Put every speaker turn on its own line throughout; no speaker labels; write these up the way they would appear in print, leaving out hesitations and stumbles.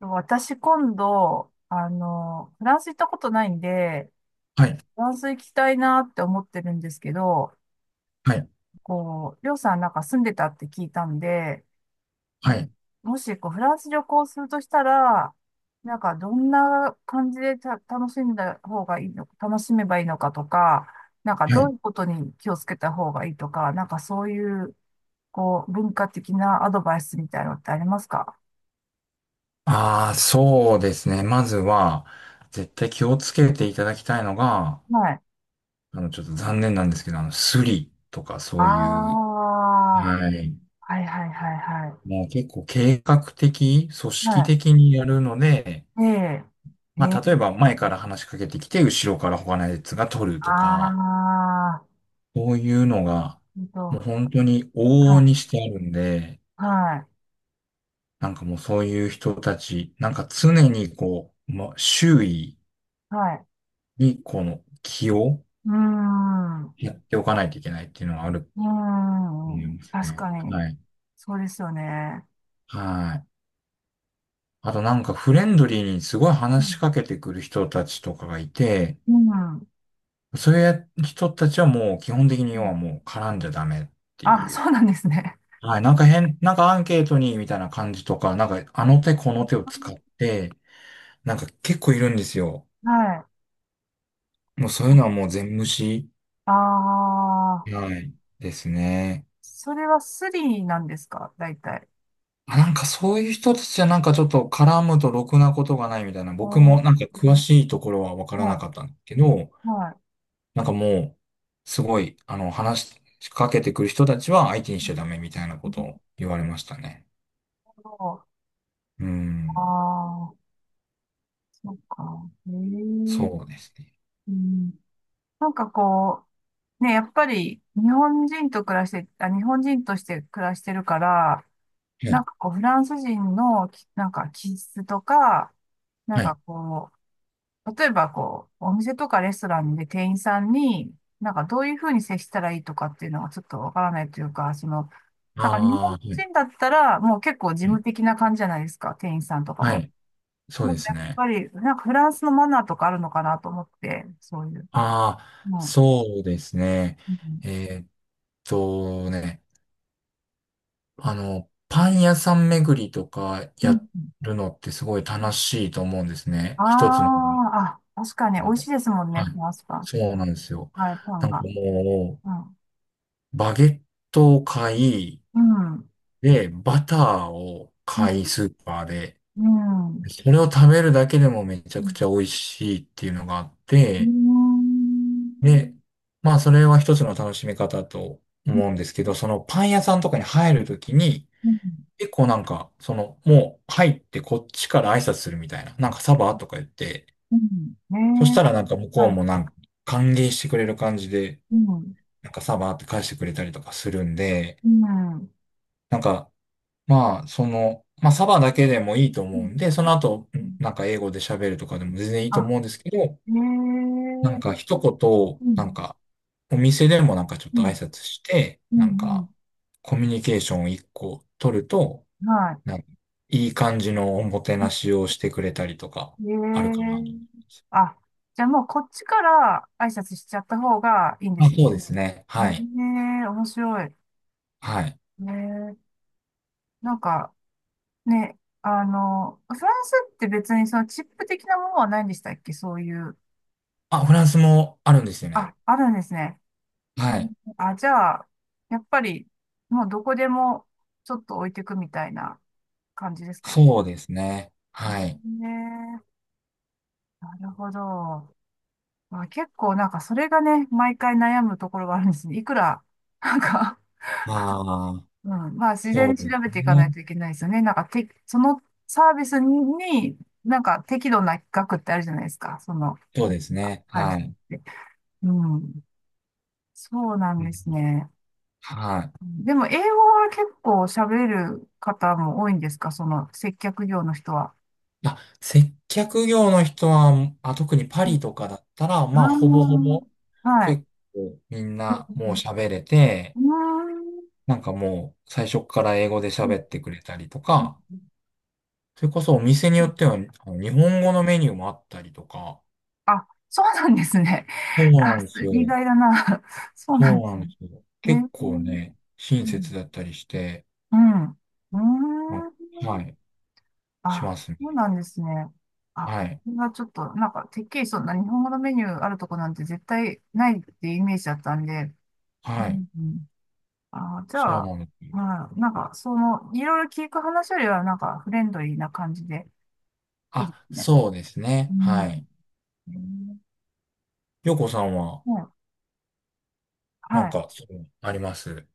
私今度、フランス行ったことないんで、
はい、
フランス行きたいなって思ってるんですけど、
はい、
こう、りょうさんなんか住んでたって聞いたんで、
は
な
い、
もしこうフランス旅行するとしたら、なんかどんな感じで楽しんだ方がいいの、楽しめばいいのかとか、なんか
は
どう
い。
いうことに気をつけた方がいいとか、なんかそういう、こう、文化的なアドバイスみたいなのってありますか？
ああ、そうですね。まずは、絶対気をつけていただきたいのが、
はい。
ちょっと残念なんですけど、スリとか
あ
そういう、
あ、
はい。
はいはいはいはい。
もう結構計画的、組織
は
的にやるので、
い。ええ。え
ま
え。
あ、例えば前から話しかけてきて、後ろから他のやつが取るとか、
ああ。
そういうのが、
えんと。
もう本当に往
は
々にし
い。
てあるんで、
はい。
なんかもうそういう人たち、なんか常にこう、まあ、周囲、
はい。
に、この気を
うーん。う
やっておかないといけないっていうのはあると
ー
思い
ん。
ます
確
ね。
かに。
はい。
そうですよね。
はい。あとなんかフレンドリーにすごい
う
話し
ん。
かけてくる人たちとかがいて、
うん。
そういう人たちはもう基本的に
う
要は
ん。
もう絡んじゃダメってい
あ、
う。
そうなんですね。
はい。なんか変、なんかアンケートにみたいな感じとか、なんかあの手この手を使って、なんか結構いるんですよ。
はい。
もうそういうのはもう全無視。
ああ。
はい。ですね。
それはスリーなんですか大体。
まあなんかそういう人たちはなんかちょっと絡むとろくなことがないみたいな、
あ
僕
ー、
もなんか詳しいところはわからな
は
かったんだけど、
い。はい。
なんかもう、すごい、話しかけてくる人たちは相手にしちゃダメみたいなこ
な
とを
る
言われましたね。
ほど。
うーん、
ああ。そうか。ええ。
そうで
う
すね。
ん。なんかこう、ね、やっぱり日本人として暮らしてるから、
は
なん
い、
かこう、フランス人のなんか気質とか、なん
は
か
い。
こう、例えばこう、お店とかレストランで店員さんに、なんかどういうふうに接したらいいとかっていうのがちょっとわからないというか、その、
あ
なんか日本
あ、はい、はい、
人だったらもう結構事務的な感じじゃないですか、店員さんとか
は
も。
いそう
な
で
んか
す
やっ
ね。
ぱり、なんかフランスのマナーとかあるのかなと思って、そういう。
ああ、
うん。
そうですね。
うん。
えーっとね。パン屋さん巡りとかや
う
るのってすごい楽
ん。
しいと思うんですね。
あ
一つの。
あ、あ、確かに美
あ
味し
の
いですもん
は
ね、フ
い。
ランスパン。
そうなんですよ。
はい、パ
な
ン
んか
が。
も
うん。
う、バゲットを買い、
うん。
で、バターを
うん。
買い、スーパーで。
うん。
それを食べるだけでもめちゃ
う
く
ん。
ちゃ美味しいっていうのがあっ
う
て、
ん。
で、まあそれは一つの楽しみ方と思うんですけど、そのパン屋さんとかに入るときに、
うん。
結構なんか、その、もう入ってこっちから挨拶するみたいな。なんかサバとか言って、
うん
そし
ね
たらなんか向
え。
こう
はい。
もなんか歓迎してくれる感じで、
うん。
なんかサバって返してくれたりとかするんで、
うん。
なんか、まあ、その、まあサバだけでもいいと
う
思う
ん。
んで、その後、なんか英語で喋るとかでも全然いいと
あ、
思うんですけど、
ええ。
なんか一言、
う
なん
ん。
か、お店でもなんかちょっ
う
と挨
ん。
拶して、
うん。う
なん
ん。
か、コミュニケーションを一個取ると、
は
なんかいい感じのおもて
い。
なしをしてくれたりとか、
え
あるかなと。
え。あ、じゃあもうこっちから挨拶しちゃった方がいいんで
あ、
すね。
そうですね。はい。
ええ、面白い。
はい。
ええ。なんか、ね、フランスって別にそのチップ的なものはないんでしたっけそういう。
あ、フランスもあるんですよね。
あ、あるんですね。う
は
ん。
い。
あ、じゃあ、やっぱり、もうどこでもちょっと置いてくみたいな感じですか
そうですね。はい。
ね。え、なるほど。まあ、結構なんかそれがね、毎回悩むところがあるんですね。いくら、なんか
まあ、
うん、まあ、自然
そ
に
う
調
です
べていかな
ね。
いといけないですよね。なんか、そのサービスに、なんか適度な額ってあるじゃないですか。その、
そうです
あ
ね。
あるっ
はい。
て。うん。そうなん
う
で
ん
すね。
はい。
でも、英語は結構喋れる方も多いんですかその、接客業の人は。
あ、接客業の人は、あ、特にパ
うん。
リとかだったら、まあ、ほぼほ
あ
ぼ、
ー、はい。
結構みん
うん
な
う
もう
ん。
喋れて、なんかもう最初から英語で
うー
喋
ん。
ってくれたりとか、それこそお店によっては、日本語のメニューもあったりとか、
あ、そうなんですね。
そう
あ、
なんです
意
よ。
外だな。そうなん
そ
で
うな
す
んで
ね。
すよ。
え
結構
ー、
ね、
う
親
ん、
切だったりして、
うん。うー
あ
ん。
はい、し
あ、
ますね。
そうなんですね。あ、
はい、
これはちょっと、なんか、てっきりそんな日本語のメニューあるとこなんて絶対ないっていうイメージだったんで。う
はい、
んうん。あ、じ
そう
ゃあ、
なんです。
まあ、なんか、その、いろいろ聞く話よりは、なんか、フレンドリーな感じで、いいで
あ、
すね。
そうです
う
ね。
ん。
はい。
えー、
よこさんは、
ね、
な
は
ん
い。
か、そう、あります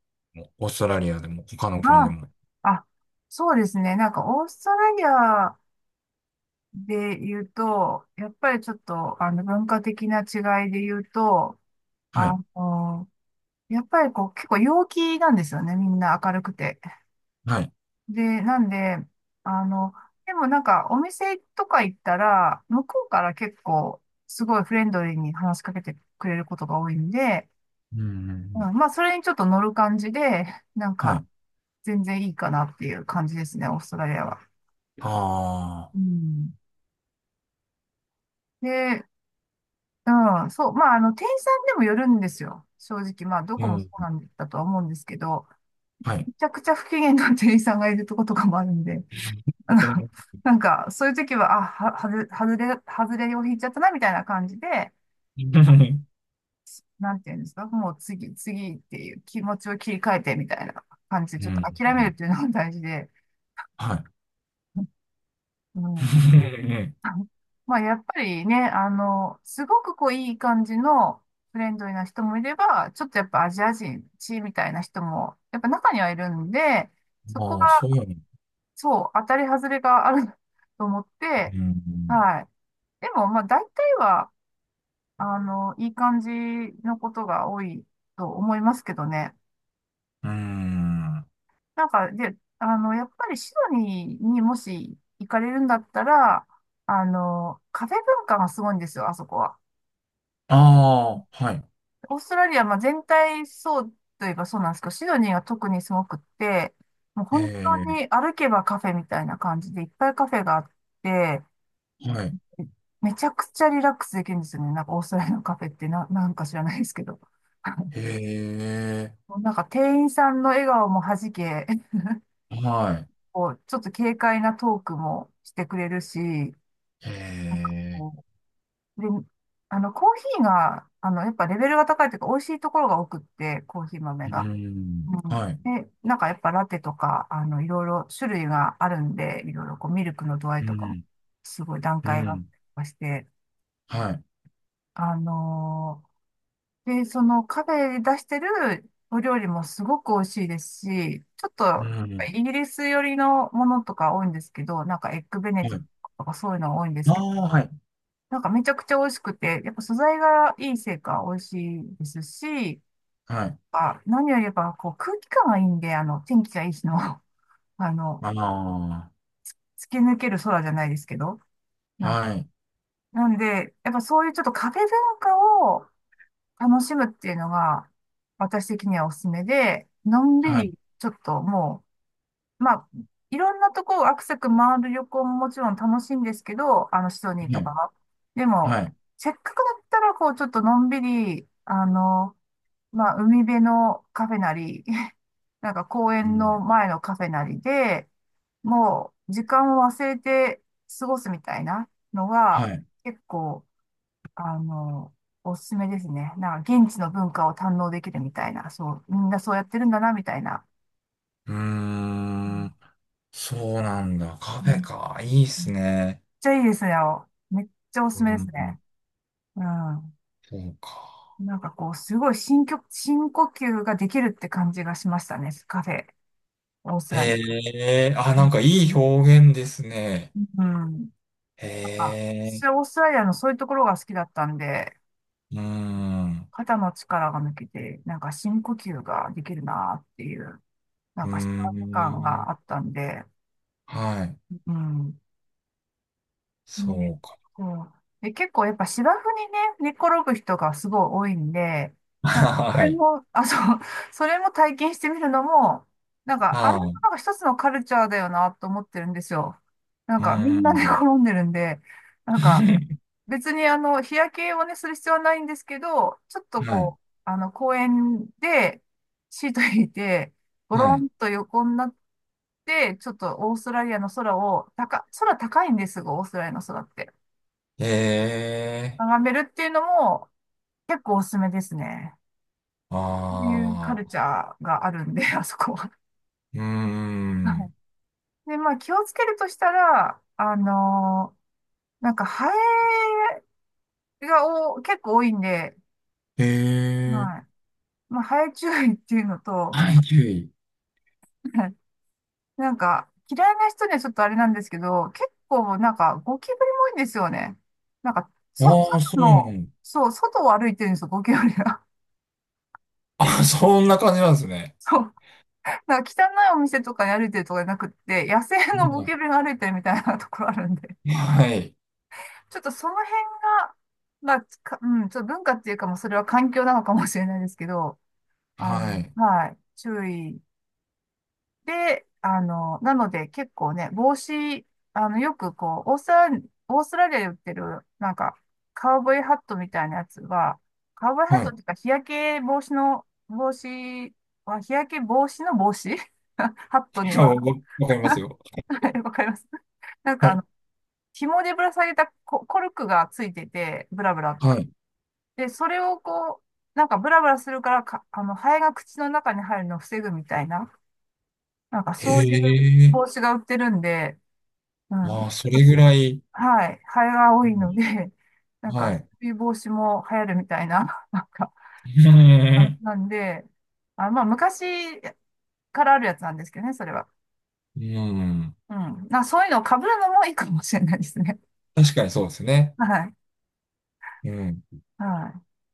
オーストラリアでも、他の国で
あ、
も。
あ、そうですね。なんか、オーストラリアで言うと、やっぱりちょっと、文化的な違いで言うと、
は
あ
い、
の、やっぱりこう、結構陽気なんですよね、みんな明るくて。
はい。
で、なんで、あの、でもなんかお店とか行ったら、向こうから結構、すごいフレンドリーに話しかけてくれることが多いんで、
うん、うんう
う
ん、
ん、まあ、それにちょっと乗る感じで、なん
は
か、
い。
全然いいかなっていう感じですね、オーストラリアは。
ああ、
うん。で、うん、そう、まあ、店員さんでもよるんですよ。正直、まあ、ど
う
こもそ
ん、
うなんだとは思うんですけど、
はい。
ちゃくちゃ不機嫌な店員さんがいるとことかもあるんで、あの、
うん、
なんか、そういう時は、あ、は、はず、外れ、外れを引いちゃったな、みたいな感じで、
うん、
なんていうんですか、もう次、次っていう気持ちを切り替えて、みたいな感じで、
う
ちょっと
ん
諦めるっていうのが大事で、
はい。
うん。まあ、やっぱりね、すごくこう、いい感じのフレンドリーな人もいれば、ちょっとやっぱアジア人、地みたいな人も、やっぱ中にはいるんで、そこ
あ
が
あ、そうなの。
そう、当たり外れがある と思っ
う
て、
ん。
はい。でも、まあ、大体は、いい感じのことが多いと思いますけどね。
うん。あ
なんか、で、やっぱりシドニーにもし行かれるんだったら、カフェ文化がすごいんですよ、あそこは。
あ、はい。
オーストラリア、まあ、全体そうといえばそうなんですけど、シドニーが特にすごくって、もう本当
え
に歩けばカフェみたいな感じでいっぱいカフェがあって、
え、はい。
めちゃくちゃリラックスできるんですよね。なんかオーストラリアのカフェってなんか知らないですけど。
ええ、
なんか店員さんの笑顔もはじけ、
はい。
こう、ちょっと軽快なトークもしてくれるし、なんか
え
こう、で、コーヒーが、やっぱレベルが高いというか、美味しいところが多くって、コーヒー豆
え、う
が。
ん。はい。
で、なんかやっぱラテとか、いろいろ種類があるんで、いろいろこう、ミルクの度合い
う
とかも、
ん。
すごい段
う
階があっ
ん。
たりとかして、
はい。
あので、そのカフェで出してるお料理もすごく美味しいですし、ちょっとや
う
っぱ
ん。
イギリス寄りのものとか多いんですけど、なんかエッグベネ
は
ディ
い。
クトとかそういうのが多いんです
あ
けど、
あ、はい。
なんかめちゃくちゃ美味しくて、やっぱ素材がいいせいか美味しいですし、
はい。
あ、何よりやっぱこう空気感がいいんで、あの天気がいい日の、あの、
ああ、
突き抜ける空じゃないですけど、な、
はい。
なんで、やっぱそういうちょっとカフェ文化を楽しむっていうのが、私的にはおすすめで、のんび
はい。
り、ちょっともう、まあ、いろんなとこをアクセク回る旅行ももちろん楽しいんですけど、シドニー
は
とか
い。
は。でも、
はい。
せっかくだったら、こう、ちょっとのんびり、まあ、海辺のカフェなり、なんか公
う
園
ん。
の前のカフェなりで、もう、時間を忘れて過ごすみたいなのが、
はい。
結構、あの、おすすめですね。なんか現地の文化を堪能できるみたいな、そう、みんなそうやってるんだな、みたいな。
うー
うん、
ん。そうなんだ。カ
う
フェ
ん、
か。いいっ
めっ
すね。
ちゃいいですね。めっちゃおす
う
すめですね。
ん。
うん。
そうか。
なんかこう、すごい深呼吸ができるって感じがしましたね。カフェ、オーストラリ
へえ、あ、なんかいい表現ですね。
ア。うん。なん
へ
か、私
え、
はオーストラリアのそういうところが好きだったんで、
うーん、
肩の力が抜けて、なんか深呼吸ができるなっていう、なん
う
か幸せ
ー
感が
ん、
あったんで、
はい、
うん。
そ
ね、
うか。
そう。で、結構やっぱ芝生にね、寝転ぶ人がすごい多いんで、なんかそ
は
れ
い、
も、あ、そう、それも体験してみるのも、なんかあれ
あ
も
ー、う
なんか一つのカルチャーだよなと思ってるんですよ。なん
ー
かみんな寝
ん、
転んでるんで、なんか 別に日焼けをね、する必要はないんですけど、ちょっと
はい、
こう、公園でシート引いて、ゴ
は
ロ
い、
ンと横になって、ちょっとオーストラリアの空を、空高いんですが、オーストラリアの空って。
へえ、
眺めるっていうのも結構おすすめですね。そういうカ
あ
ルチ
あ、
ャーがあるんで、あそこは。
うー
はい。
ん、
で、まあ気をつけるとしたら、なんかハエが結構多いんで、
へえ、
はい。まあハエ注意っていうのと、
はい、注意。
はい。なんか、嫌いな人にはちょっとあれなんですけど、結構なんか、ゴキブリも多いんですよね。
ああ、そ
外
うな
の、
んだ。
そう、外を歩いてるんですよ、ゴキブリが。
あ、そんな感じなんですね。
そう。なんか汚いお店とかに歩いてるとかじゃなくって、野生のゴ
は
キブリが歩いてるみたいなところあるんで。
いはい、
ちょっとその辺が、まあ、かうん、ちょっと文化っていうかもうそれは環境なのかもしれないですけど、
はい、
はい、注意で、なので結構ね、帽子、よくこう、オーストラリアで売ってる、なんか、カウボーイハットみたいなやつは、カウボーイハッ
は
トっ
い。
ていうか、日焼け防止の帽子 ハットに
あ
は、
わ わかりますよ。
はい、わかります。なん
は
か、
い。
紐でぶら下げたコルクがついてて、ブラブラ。
はい。
で、それをこう、なんかブラブラするからか、ハエが口の中に入るのを防ぐみたいな、なんか
へ
そういう
え。
帽子が売ってるんで、うん。
まあ、それぐらい、
はい。ハエが多い
う
ので、
ん
なんか、
は
そ
い。
ういう防止も流行るみたいな、なんか、感じ なんで、あ、まあ、昔からあるやつなんですけどね、それは。
うん。
うん。そういうのを被るのもいいかもしれないですね。
確かにそうですね。
はい。
うん。
は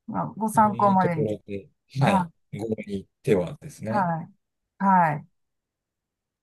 い。まあ、ご
いろ
参
ん
考
な
ま
と
で
こ
に。
ろで、はい。
は
合理ではです
い。
ね。
はい。はい。